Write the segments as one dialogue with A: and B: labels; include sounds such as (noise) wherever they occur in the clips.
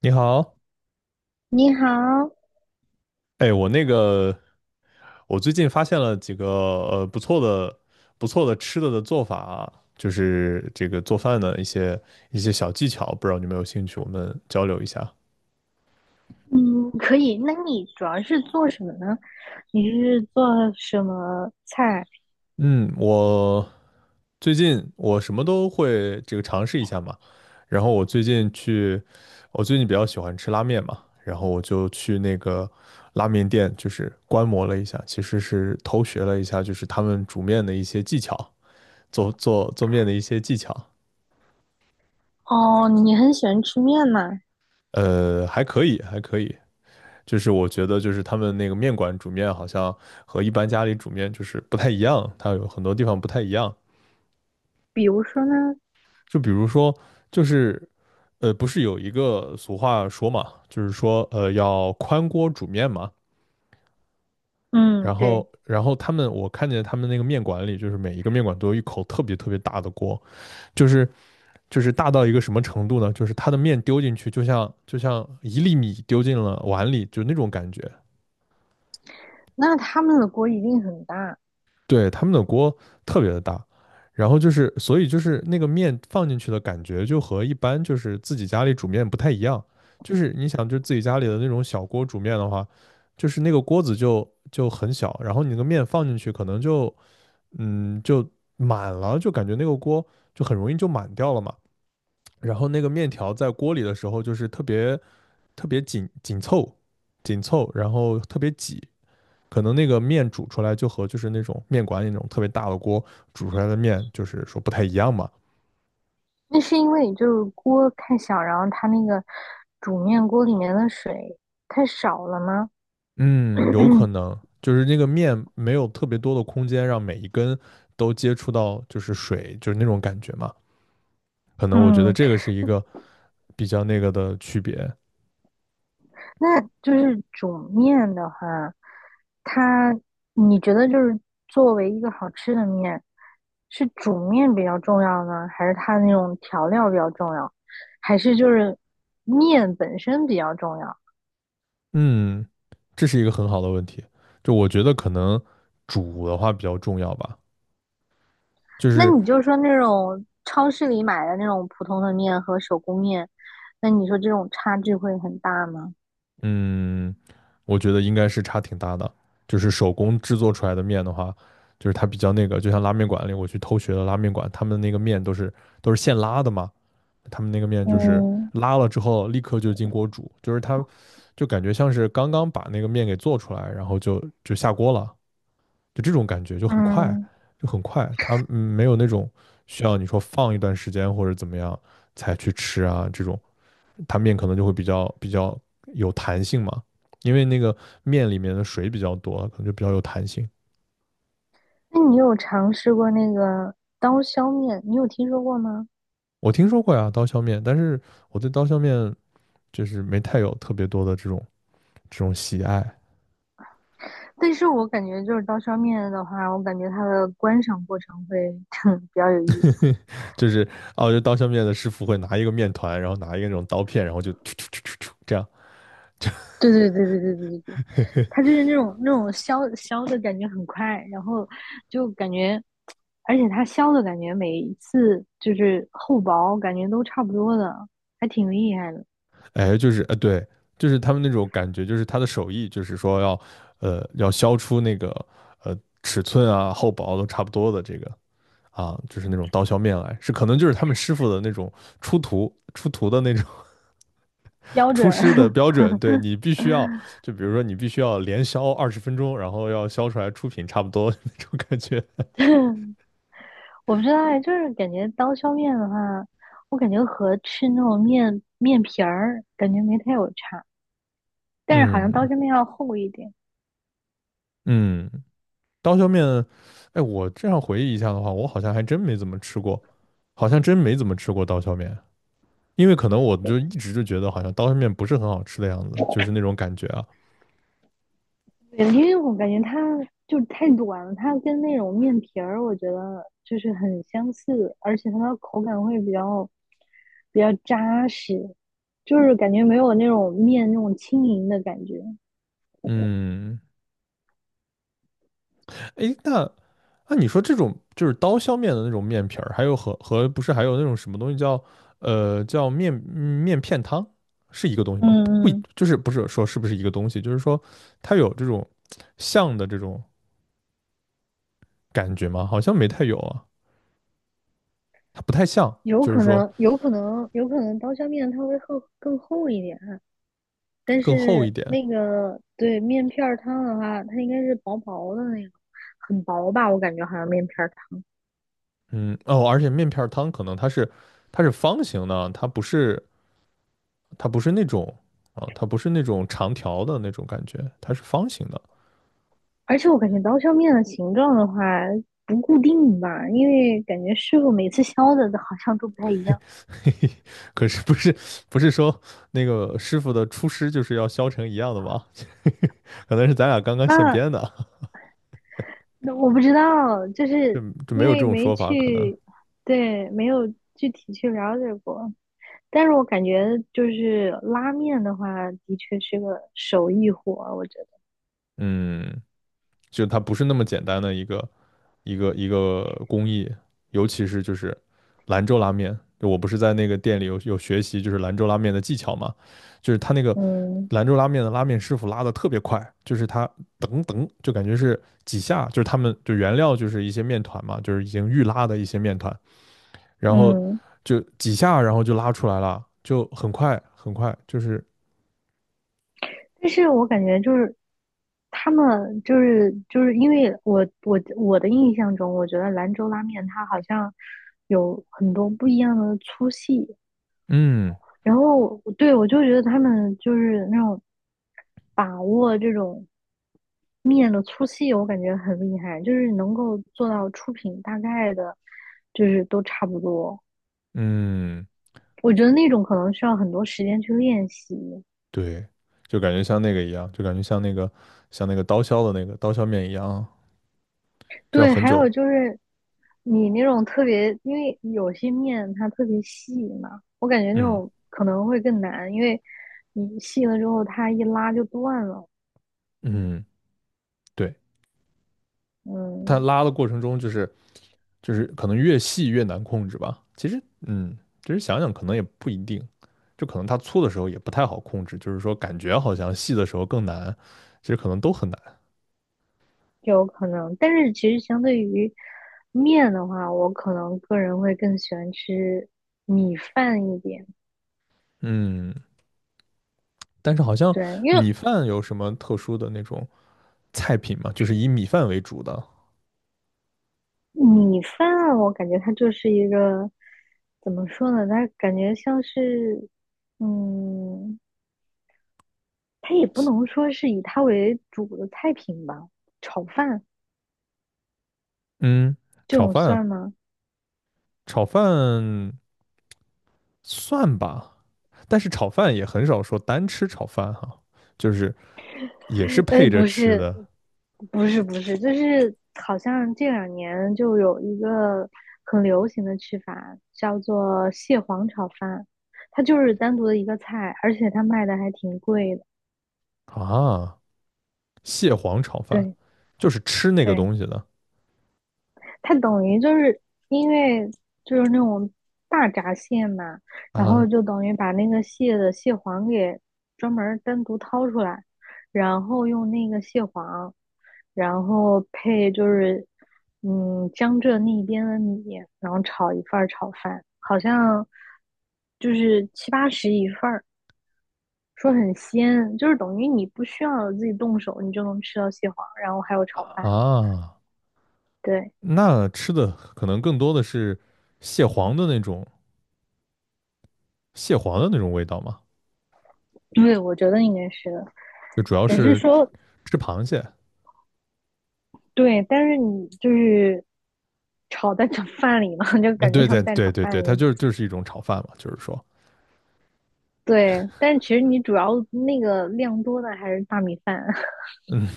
A: 你好，
B: 你好。
A: 哎，我那个，我最近发现了几个不错的、吃的的做法啊，就是这个做饭的一些小技巧，不知道你有没有兴趣，我们交流一下。
B: 嗯，可以。那你主要是做什么呢？你是做什么菜？
A: 嗯，我最近我什么都会这个尝试一下嘛，然后我最近去，我最近比较喜欢吃拉面嘛，然后我就去那个拉面店，就是观摩了一下，其实是偷学了一下，就是他们煮面的一些技巧。做面的一些技巧，
B: 哦，你很喜欢吃面嘛？
A: 还可以，还可以。就是我觉得，就是他们那个面馆煮面好像和一般家里煮面就是不太一样，它有很多地方不太一样。
B: 比如说呢？
A: 就比如说，就是不是有一个俗话说嘛，就是说要宽锅煮面嘛。
B: 嗯，
A: 然
B: 对。
A: 后，然后他们我看见他们那个面馆里，就是每一个面馆都有一口特别特别大的锅，就是大到一个什么程度呢？就是它的面丢进去，就像一粒米丢进了碗里，就那种感觉。
B: 那他们的锅一定很大。
A: 对，他们的锅特别的大，然后就是所以就是那个面放进去的感觉，就和一般就是自己家里煮面不太一样。就是你想，就自己家里的那种小锅煮面的话，就是那个锅子就很小，然后你那个面放进去，可能就满了，就感觉那个锅就很容易就满掉了嘛。然后那个面条在锅里的时候，就是特别特别紧凑，然后特别挤。可能那个面煮出来就和就是那种面馆里那种特别大的锅煮出来的面，就是说不太一样嘛。
B: 那是因为就是锅太小，然后它那个煮面锅里面的水太少了吗？
A: 嗯，有可
B: (clears throat)
A: 能就是那个面没有特别多的空间让每一根都接触到就是水，就是那种感觉嘛。可能我觉得
B: 嗯，
A: 这个是一个比较那个的区别。
B: 那就是煮面的话，它你觉得就是作为一个好吃的面，是煮面比较重要呢，还是它那种调料比较重要，还是就是面本身比较重要？
A: 嗯，这是一个很好的问题。就我觉得可能煮的话比较重要吧，就
B: 那
A: 是
B: 你就说那种超市里买的那种普通的面和手工面，那你说这种差距会很大吗？
A: 嗯，我觉得应该是差挺大的。就是手工制作出来的面的话，就是它比较那个，就像拉面馆里我去偷学的拉面馆，他们那个面都是现拉的嘛，他们那个面就是
B: 嗯，
A: 拉了之后立刻就进锅煮，就是它就感觉像是刚刚把那个面给做出来，然后就下锅了，就这种感觉就很快，
B: 嗯，
A: 就很快，它没有那种需要你说放一段时间或者怎么样才去吃啊这种，它面可能就会比较有弹性嘛，因为那个面里面的水比较多，可能就比较有弹性。
B: 那你有尝试过那个刀削面？你有听说过吗？
A: 我听说过呀，刀削面，但是我对刀削面就是没太有特别多的这种喜爱，
B: 但是我感觉就是刀削面的话，我感觉它的观赏过程会哼 (laughs) 比较有意思。
A: 就是哦，就刀削面的师傅会拿一个面团，然后拿一个那种刀片，然后就突突突突突这样，
B: 对对对对对对对对，它就是那种削削的感觉很快，然后就感觉，而且它削的感觉每一次就是厚薄感觉都差不多的，还挺厉害的，
A: 哎，就是对，就是他们那种感觉，就是他的手艺，就是说要要削出那个呃尺寸啊厚薄都差不多的这个啊，就是那种刀削面来，是可能就是他们师傅的那种出徒出徒的那种
B: 标准。
A: 出师的标准，对你必须要，就比如说你必须要连削20分钟，然后要削出来出品差不多那种感觉。
B: (laughs) 我不知道哎，就是感觉刀削面的话，我感觉和吃那种面皮儿感觉没太有差，
A: (laughs)
B: 但是好像刀
A: 嗯
B: 削面要厚一点。
A: 嗯，刀削面，哎，我这样回忆一下的话，我好像还真没怎么吃过，好像真没怎么吃过刀削面，因为可能我就一直就觉得好像刀削面不是很好吃的样子，就是那种感觉啊。
B: 对，因为我感觉它就是太短了，它跟那种面皮儿，我觉得就是很相似，而且它的口感会比较扎实，就是感觉没有那种面那种轻盈的感觉。
A: 嗯，哎，那你说这种就是刀削面的那种面皮儿，还有和不是还有那种什么东西叫叫面片汤，是一个东西吗？不，
B: 嗯嗯，
A: 就是不是说是不是一个东西，就是说它有这种像的这种感觉吗？好像没太有啊，它不太像，
B: 有
A: 就是
B: 可
A: 说
B: 能，有可能，有可能刀削面它会更厚一点，但
A: 更厚一
B: 是
A: 点。
B: 那个对面片儿汤的话，它应该是薄薄的那个，很薄吧？我感觉好像面片儿汤。
A: 嗯，哦，而且面片儿汤可能它是方形的，它不是那种啊，它不是那种长条的那种感觉，它是方形的。
B: 而且我感觉刀削面的形状的话不固定吧，因为感觉师傅每次削的好像都不太一样。
A: (laughs) 嘿嘿，可是不是说那个师傅的出师就是要削成一样的吗？(laughs) 可能是咱俩刚刚现
B: 那
A: 编的，
B: 那我不知道，就
A: 就
B: 是
A: 就没
B: 因
A: 有这
B: 为
A: 种
B: 没
A: 说法，可能
B: 去，对，没有具体去了解过。但是我感觉就是拉面的话，的确是个手艺活儿我觉
A: 嗯，就它不是那么简单的一个工艺，尤其是就是兰州拉面，就我不是在那个店里有学习就是兰州拉面的技巧嘛，就是他那个
B: 得。嗯
A: 兰州拉面的拉面师傅拉的特别快，就是他噔噔就感觉是几下，就是他们就原料就是一些面团嘛，就是已经预拉的一些面团。然后
B: 嗯。
A: 就几下，然后就拉出来了，就很快很快，就是
B: 但是我感觉就是他们就是因为我的印象中，我觉得兰州拉面它好像有很多不一样的粗细，
A: 嗯
B: 然后对我就觉得他们就是那种把握这种面的粗细，我感觉很厉害，就是能够做到出品大概的，就是都差不多。
A: 嗯，
B: 我觉得那种可能需要很多时间去练习。
A: 对，就感觉像那个一样，就感觉像那个刀削的那个刀削面一样，就要
B: 对，
A: 很
B: 还
A: 久，
B: 有就是你那种特别，因为有些面它特别细嘛，我感觉那
A: 嗯
B: 种可能会更难，因为你细了之后它一拉就断了。
A: 嗯，对，它
B: 嗯，
A: 拉的过程中就是可能越细越难控制吧，其实嗯，其实想想可能也不一定。就可能它粗的时候也不太好控制，就是说感觉好像细的时候更难，其实可能都很难。
B: 就有可能。但是其实相对于面的话，我可能个人会更喜欢吃米饭一点。
A: 嗯，但是好像
B: 对，因为
A: 米饭有什么特殊的那种菜品吗？就是以米饭为主的。
B: 米饭啊我感觉它就是一个怎么说呢，它感觉像是嗯。它也不能说是以它为主的菜品吧，炒饭
A: 嗯，
B: 这
A: 炒
B: 种
A: 饭，
B: 算吗？
A: 炒饭算吧，但是炒饭也很少说单吃炒饭哈、就是也是
B: 哎，
A: 配着
B: 不
A: 吃
B: 是，
A: 的
B: 不是，不是，就是好像这两年就有一个很流行的吃法，叫做蟹黄炒饭，它就是单独的一个菜，而且它卖的还挺贵的。
A: 啊。蟹黄炒饭
B: 对
A: 就是吃那个
B: 对，
A: 东西的
B: 它等于就是因为就是那种大闸蟹嘛，然后
A: 啊
B: 就等于把那个蟹的蟹黄给专门儿单独掏出来，然后用那个蟹黄，然后配就是江浙那边的米，然后炒一份儿炒饭，好像就是七八十一份儿。说很鲜，就是等于你不需要自己动手，你就能吃到蟹黄，然后还有炒饭。
A: 啊，
B: 对，
A: 那吃的可能更多的是蟹黄的那种蟹黄的那种味道嘛，
B: 对，我觉得应该是的。
A: 就主要
B: 只是
A: 是
B: 说，
A: 吃螃蟹
B: 对，但是你就是炒蛋炒饭里嘛，(laughs) 就
A: 嗯，
B: 感觉
A: 对
B: 像
A: 对
B: 蛋炒
A: 对对对，
B: 饭一
A: 它
B: 样。
A: 就是一种炒饭嘛，就是说，
B: 对，但是其实你主要那个量多的还是大米饭。
A: 嗯，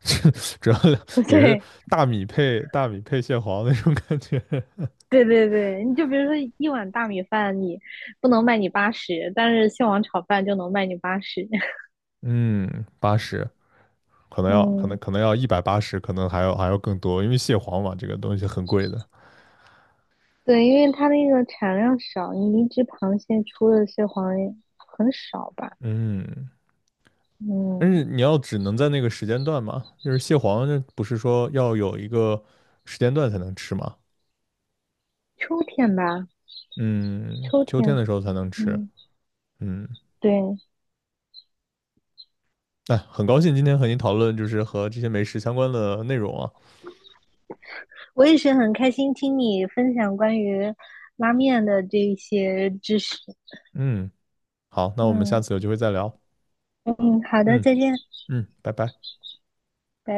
A: (laughs) 主要
B: (laughs)
A: 也是
B: 对，
A: 大米配大米配蟹黄那种感觉。(laughs)
B: 对对对，你就比如说一碗大米饭，你不能卖你八十，但是蟹黄炒饭就能卖你八十。(laughs)
A: 嗯，80可能要
B: 嗯，
A: 180，可能还要更多，因为蟹黄嘛，这个东西很贵的。
B: 对，因为它那个产量少，你一只螃蟹出的蟹黄很少吧？
A: 嗯，但是
B: 嗯，
A: 你要只能在那个时间段嘛，就是蟹黄这不是说要有一个时间段才能吃嘛？
B: 秋天吧，
A: 嗯，
B: 秋
A: 秋天
B: 天。
A: 的时候才能吃。
B: 嗯，
A: 嗯，
B: 对，
A: 哎，很高兴今天和您讨论就是和这些美食相关的内容啊。
B: 我也是很开心听你分享关于拉面的这一些知识。
A: 嗯。好，那我们下
B: 嗯
A: 次有机会再聊。
B: 嗯，好的，
A: 嗯
B: 再见，
A: 嗯，拜拜。
B: 拜拜。